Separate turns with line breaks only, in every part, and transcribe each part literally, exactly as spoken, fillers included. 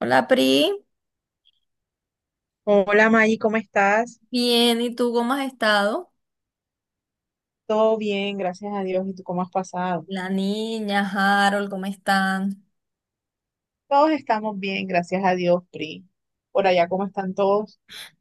Hola Pri,
Hola Maggie, ¿cómo estás?
bien, ¿y tú cómo has estado?
Todo bien, gracias a Dios. ¿Y tú cómo has pasado?
La niña, Harold, ¿cómo están?
Todos estamos bien, gracias a Dios, Pri. Por allá, ¿cómo están todos?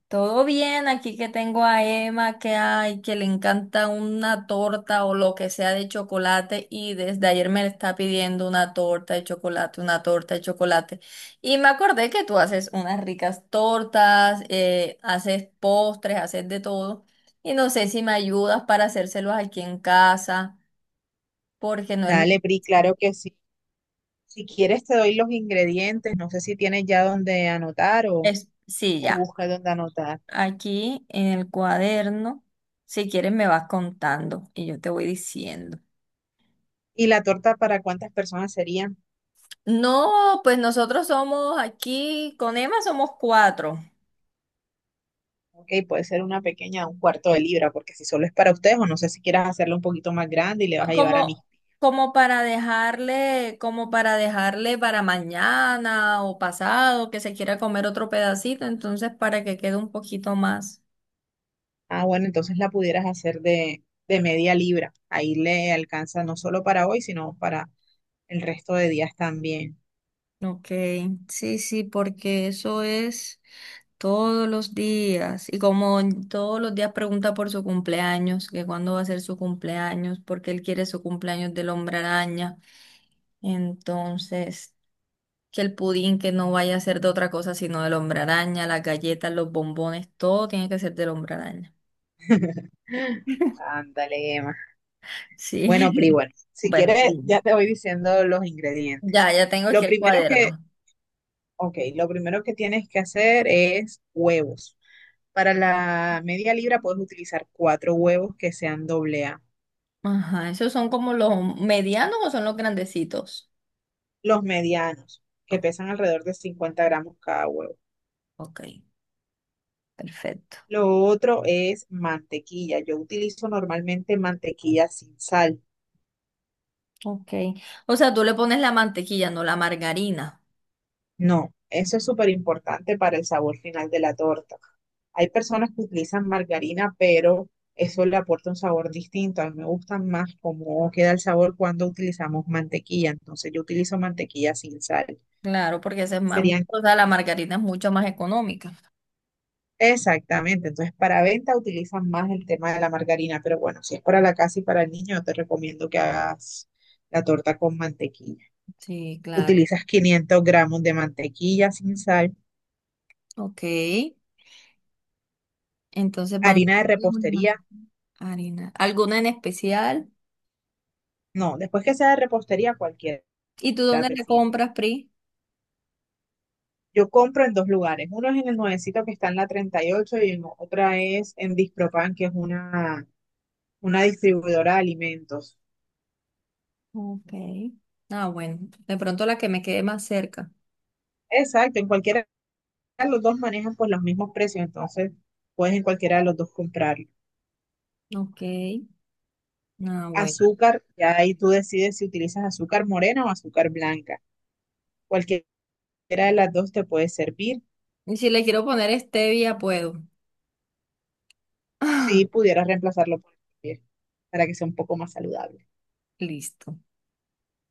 Todo bien, aquí que tengo a Emma, que hay, que le encanta una torta o lo que sea de chocolate y desde ayer me está pidiendo una torta de chocolate, una torta de chocolate. Y me acordé que tú haces unas ricas tortas, eh, haces postres, haces de todo y no sé si me ayudas para hacérselos aquí en casa, porque no es... lo-
Dale, Pri, claro que sí. Si quieres, te doy los ingredientes. No sé si tienes ya dónde anotar o,
es sí,
o
ya.
buscas dónde anotar.
Aquí en el cuaderno. Si quieres, me vas contando y yo te voy diciendo.
¿Y la torta para cuántas personas sería?
No, pues nosotros somos aquí, con Emma somos cuatro.
Ok, puede ser una pequeña, un cuarto de libra, porque si solo es para ustedes, o no sé si quieras hacerla un poquito más grande y le vas a llevar a
Como,
mí.
como para dejarle, como para dejarle para mañana o pasado, que se quiera comer otro pedacito, entonces para que quede un poquito más.
Ah, bueno, entonces la pudieras hacer de, de media libra. Ahí le alcanza no solo para hoy, sino para el resto de días también.
Ok, sí, sí, porque eso es. Todos los días. Y como todos los días pregunta por su cumpleaños, que cuándo va a ser su cumpleaños, porque él quiere su cumpleaños del hombre araña. Entonces, que el pudín que no vaya a ser de otra cosa sino del hombre araña, las galletas, los bombones, todo tiene que ser del hombre araña.
Ándale, Emma. Bueno, Pri,
Sí.
bueno, si
Bueno,
quieres, ya
dime.
te voy diciendo los ingredientes.
Ya, ya tengo
Lo
aquí el
primero que,
cuaderno.
ok, lo primero que tienes que hacer es huevos. Para la media libra puedes utilizar cuatro huevos que sean doble A.
Ajá, ¿esos son como los medianos o son los grandecitos?
Los medianos, que
Oh,
pesan alrededor de cincuenta gramos cada huevo.
ok, perfecto.
Lo otro es mantequilla. Yo utilizo normalmente mantequilla sin sal.
Ok. O sea, tú le pones la mantequilla, no la margarina.
No, eso es súper importante para el sabor final de la torta. Hay personas que utilizan margarina, pero eso le aporta un sabor distinto. A mí me gusta más cómo queda el sabor cuando utilizamos mantequilla. Entonces yo utilizo mantequilla sin sal.
Claro, porque esa es más,
Serían
o sea, la margarina es mucho más económica.
exactamente. Entonces para venta utilizan más el tema de la margarina, pero bueno, si es para la casa y para el niño, yo te recomiendo que hagas la torta con mantequilla.
Sí, claro.
Utilizas quinientos gramos de mantequilla sin sal,
Ok. Entonces van
harina de
es una
repostería.
margarina. ¿Alguna en especial?
No, después que sea de repostería, cualquiera
¿Y tú dónde
te
la
sirve.
compras, Pri?
Yo compro en dos lugares. Uno es en el nuevecito que está en la treinta y ocho y ocho y en otra es en Dispropan, que es una, una distribuidora de alimentos.
Ok. Ah, bueno. De pronto la que me quede más cerca.
Exacto, en cualquiera de los dos manejan pues los mismos precios, entonces puedes en cualquiera de los dos comprarlo.
Ok. Ah, bueno.
Azúcar, ya ahí tú decides si utilizas azúcar morena o azúcar blanca. Cualquiera de las dos te puede servir.
Y si le quiero poner stevia, puedo. Ah,
Si pudieras reemplazarlo por el kefir, para que sea un poco más saludable.
listo.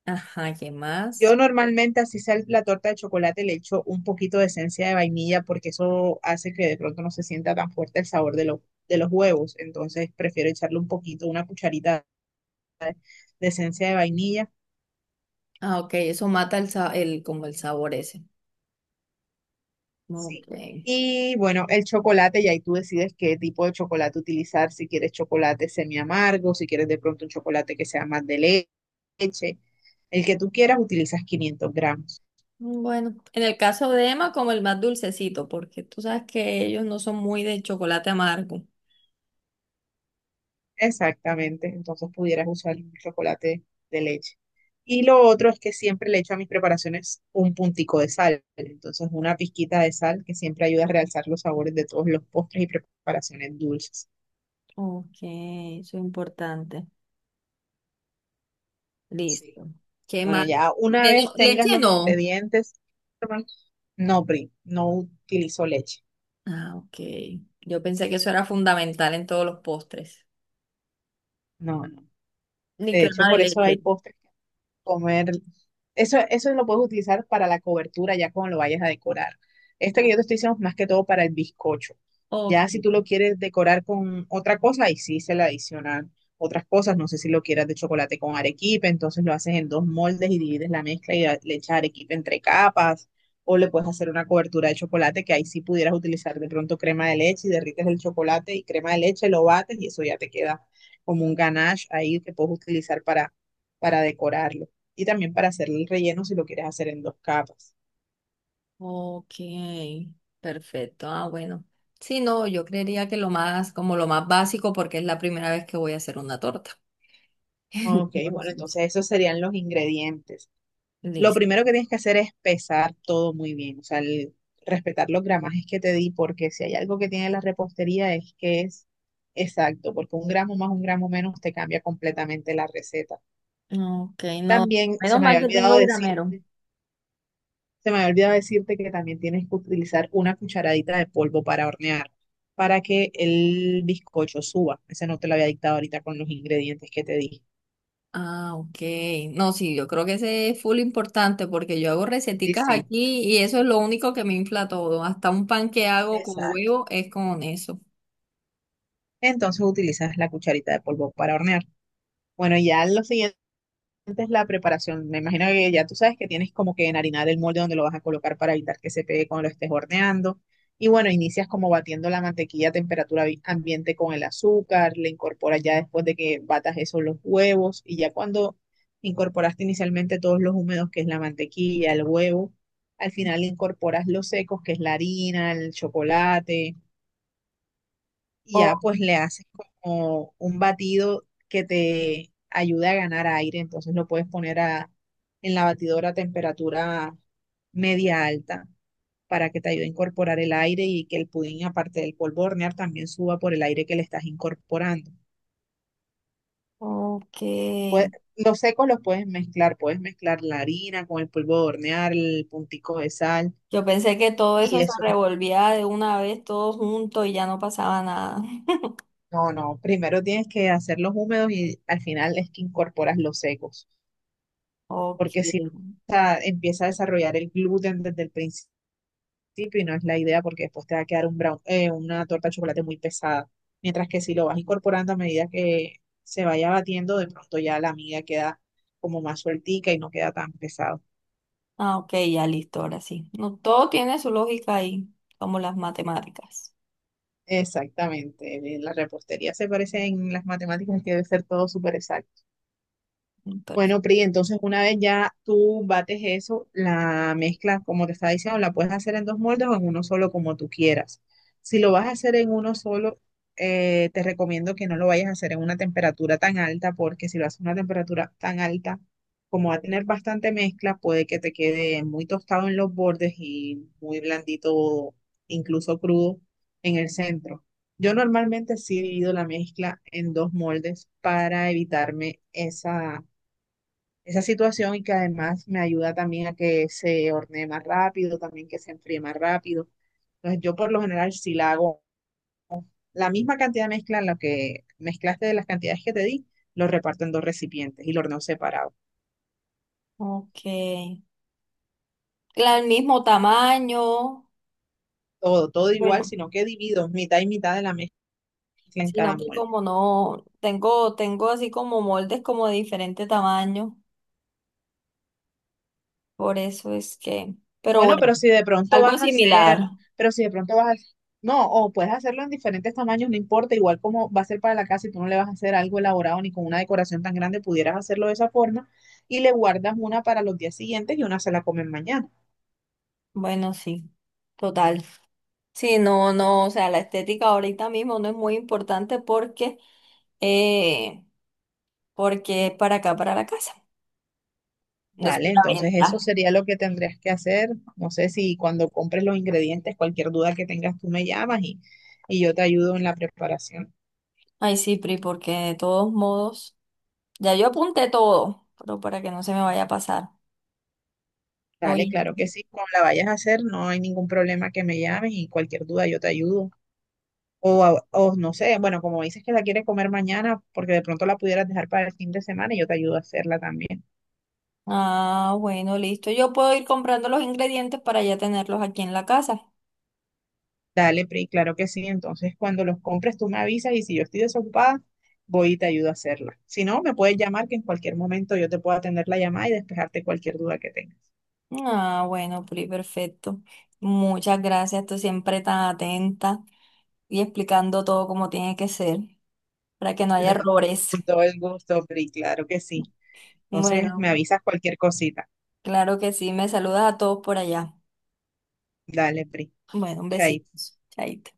Ajá, ¿qué
Yo
más?
normalmente, así sea el- la torta de chocolate, le echo un poquito de esencia de vainilla porque eso hace que de pronto no se sienta tan fuerte el sabor de, los de los huevos. Entonces prefiero echarle un poquito, una cucharita de esencia de vainilla.
Ah, ok, eso mata el, sa- el, como el sabor ese. Ok.
Sí. Y bueno, el chocolate, y ahí tú decides qué tipo de chocolate utilizar, si quieres chocolate semi amargo, si quieres de pronto un chocolate que sea más de le- leche. El que tú quieras, utilizas quinientos gramos.
Bueno, en el caso de Emma, como el más dulcecito, porque tú sabes que ellos no son muy de chocolate amargo.
Exactamente, entonces pudieras usar un chocolate de leche. Y lo otro es que siempre le echo a mis preparaciones un puntico de sal, entonces una pizquita de sal que siempre ayuda a realzar los sabores de todos los postres y preparaciones dulces.
Ok, eso es importante.
Sí.
Listo. ¿Qué
Bueno,
más?
ya una
Menos-
vez tengas
leche
los
no.
ingredientes, no, Pri, no utilizo leche.
Ah, ok. Yo pensé que eso era fundamental en todos los postres.
No, no.
Ni
De hecho,
crema de
por eso
leche.
hay postres comer. Eso, eso lo puedes utilizar para la cobertura ya cuando lo vayas a decorar. Este que yo te estoy diciendo es más que todo para el bizcocho.
Ok,
Ya si tú lo quieres decorar con otra cosa, ahí sí se le adicionan otras cosas. No sé si lo quieras de chocolate con arequipe, entonces lo haces en dos moldes y divides la mezcla y a- le echas arequipe entre capas. O le puedes hacer una cobertura de chocolate que ahí sí pudieras utilizar de pronto crema de leche y derrites el chocolate y crema de leche, lo bates y eso ya te queda como un ganache ahí que puedes utilizar para, para decorarlo y también para hacer el relleno si lo quieres hacer en dos capas.
ok. Perfecto. Ah, bueno. Sí, no, yo creería que lo más, como lo más básico, porque es la primera vez que voy a hacer una torta.
Ok, bueno,
Entonces,
entonces esos serían los ingredientes. Lo
listo.
primero que tienes que hacer es pesar todo muy bien, o sea, el- respetar los gramajes que te di, porque si hay algo que tiene la repostería es que es exacto, porque un gramo más, un gramo menos te cambia completamente la receta.
Ok, no.
También
Menos
se me
mal
había
que
olvidado
tengo
decir
gramero.
Se me había olvidado decirte que también tienes que utilizar una cucharadita de polvo para hornear, para que el bizcocho suba. Ese no te lo había dictado ahorita con los ingredientes que te dije.
Ah, ok. No, sí, yo creo que ese es full importante porque yo hago
Sí,
receticas
sí.
aquí y eso es lo único que me infla todo. Hasta un pan que hago con
Exacto.
huevo es con eso.
Entonces utilizas la cucharita de polvo para hornear. Bueno, ya lo siguiente antes la preparación. Me imagino que ya tú sabes que tienes como que enharinar el molde donde lo vas a colocar para evitar que se pegue cuando lo estés horneando. Y bueno, inicias como batiendo la mantequilla a temperatura vi- ambiente con el azúcar, le incorporas ya después de que batas esos los huevos y ya cuando incorporaste inicialmente todos los húmedos, que es la mantequilla, el huevo, al final incorporas los secos, que es la harina, el chocolate y ya
Oh,
pues le haces como un batido que te ayude a ganar aire, entonces lo puedes poner a, en la batidora a temperatura media alta para que te ayude a incorporar el aire y que el pudín, aparte del polvo de hornear, también suba por el aire que le estás incorporando.
ok.
Pue- los secos los puedes mezclar, puedes mezclar la harina con el polvo de hornear, el puntico de sal
Yo pensé que todo eso
y
se
eso.
revolvía de una vez todo junto y ya no pasaba nada.
No, no, primero tienes que hacerlos húmedos y al final es que incorporas los secos.
Ok.
Porque si no, o sea, empieza a desarrollar el gluten desde el principio y no es la idea porque después te va a quedar un brown, eh, una torta de chocolate muy pesada. Mientras que si lo vas incorporando a medida que se vaya batiendo, de pronto ya la miga queda como más sueltica y no queda tan pesado.
Ah, ok, ya listo, ahora sí. No, todo tiene su lógica ahí, como las matemáticas.
Exactamente, en la repostería se parece en las matemáticas que debe ser todo súper exacto. Bueno,
Perfecto.
Pri, entonces una vez ya tú bates eso, la mezcla, como te estaba diciendo, la puedes hacer en dos moldes o en uno solo, como tú quieras. Si lo vas a hacer en uno solo, eh, te recomiendo que no lo vayas a hacer en una temperatura tan alta, porque si lo haces en una temperatura tan alta, como va a tener bastante mezcla, puede que te quede muy tostado en los bordes y muy blandito, incluso crudo, en el centro. Yo normalmente sí divido la mezcla en dos moldes para evitarme esa esa situación y que además me ayuda también a que se hornee más rápido, también que se enfríe más rápido. Entonces yo por lo general si la hago la misma cantidad de mezcla en la que mezclaste de las cantidades que te di, lo reparto en dos recipientes y lo horneo separado.
Ok. La- el mismo tamaño,
Todo, todo igual,
bueno,
sino que divido mitad y mitad de la mezcla en cada
sino que
molde.
como no, tengo, tengo así como moldes como de diferente tamaño, por eso es que, pero
Bueno,
bueno,
pero si de pronto
algo
vas a hacer,
similar,
pero si de pronto vas a, no, o puedes hacerlo en diferentes tamaños, no importa, igual como va a ser para la casa y tú no le vas a hacer algo elaborado ni con una decoración tan grande, pudieras hacerlo de esa forma y le guardas una para los días siguientes y una se la comen mañana.
bueno, sí, total. Sí, no, no, o sea, la estética ahorita mismo no es muy importante porque, eh, porque es para acá, para la casa, no es
Vale,
para
entonces eso
venta.
sería lo que tendrías que hacer. No sé si cuando compres los ingredientes, cualquier duda que tengas, tú me llamas y, y yo te ayudo en la preparación.
Ay, sí, Pri, porque de todos modos, ya yo apunté todo, pero para que no se me vaya a pasar.
Dale,
Oye.
claro que sí, cuando la vayas a hacer, no hay ningún problema que me llames y cualquier duda yo te ayudo. O, a- o no sé, bueno, como dices que la quieres comer mañana, porque de pronto la pudieras dejar para el fin de semana y yo te ayudo a hacerla también.
Ah, bueno, listo. Yo puedo ir comprando los ingredientes para ya tenerlos aquí en la casa.
Dale, Pri, claro que sí. Entonces, cuando los compres, tú me avisas y si yo estoy desocupada, voy y te ayudo a hacerla. Si no, me puedes llamar que en cualquier momento yo te puedo atender la llamada y despejarte cualquier duda que tengas.
Ah, bueno, Pri, perfecto. Muchas gracias, tú siempre tan atenta y explicando todo como tiene que ser, para que no haya
Con
errores.
todo el gusto, Pri, claro que sí. Entonces,
Bueno,
me avisas cualquier cosita.
claro que sí, me saludas a todos por allá.
Dale, Pri.
Bueno, un besito.
Chaito.
Chaito.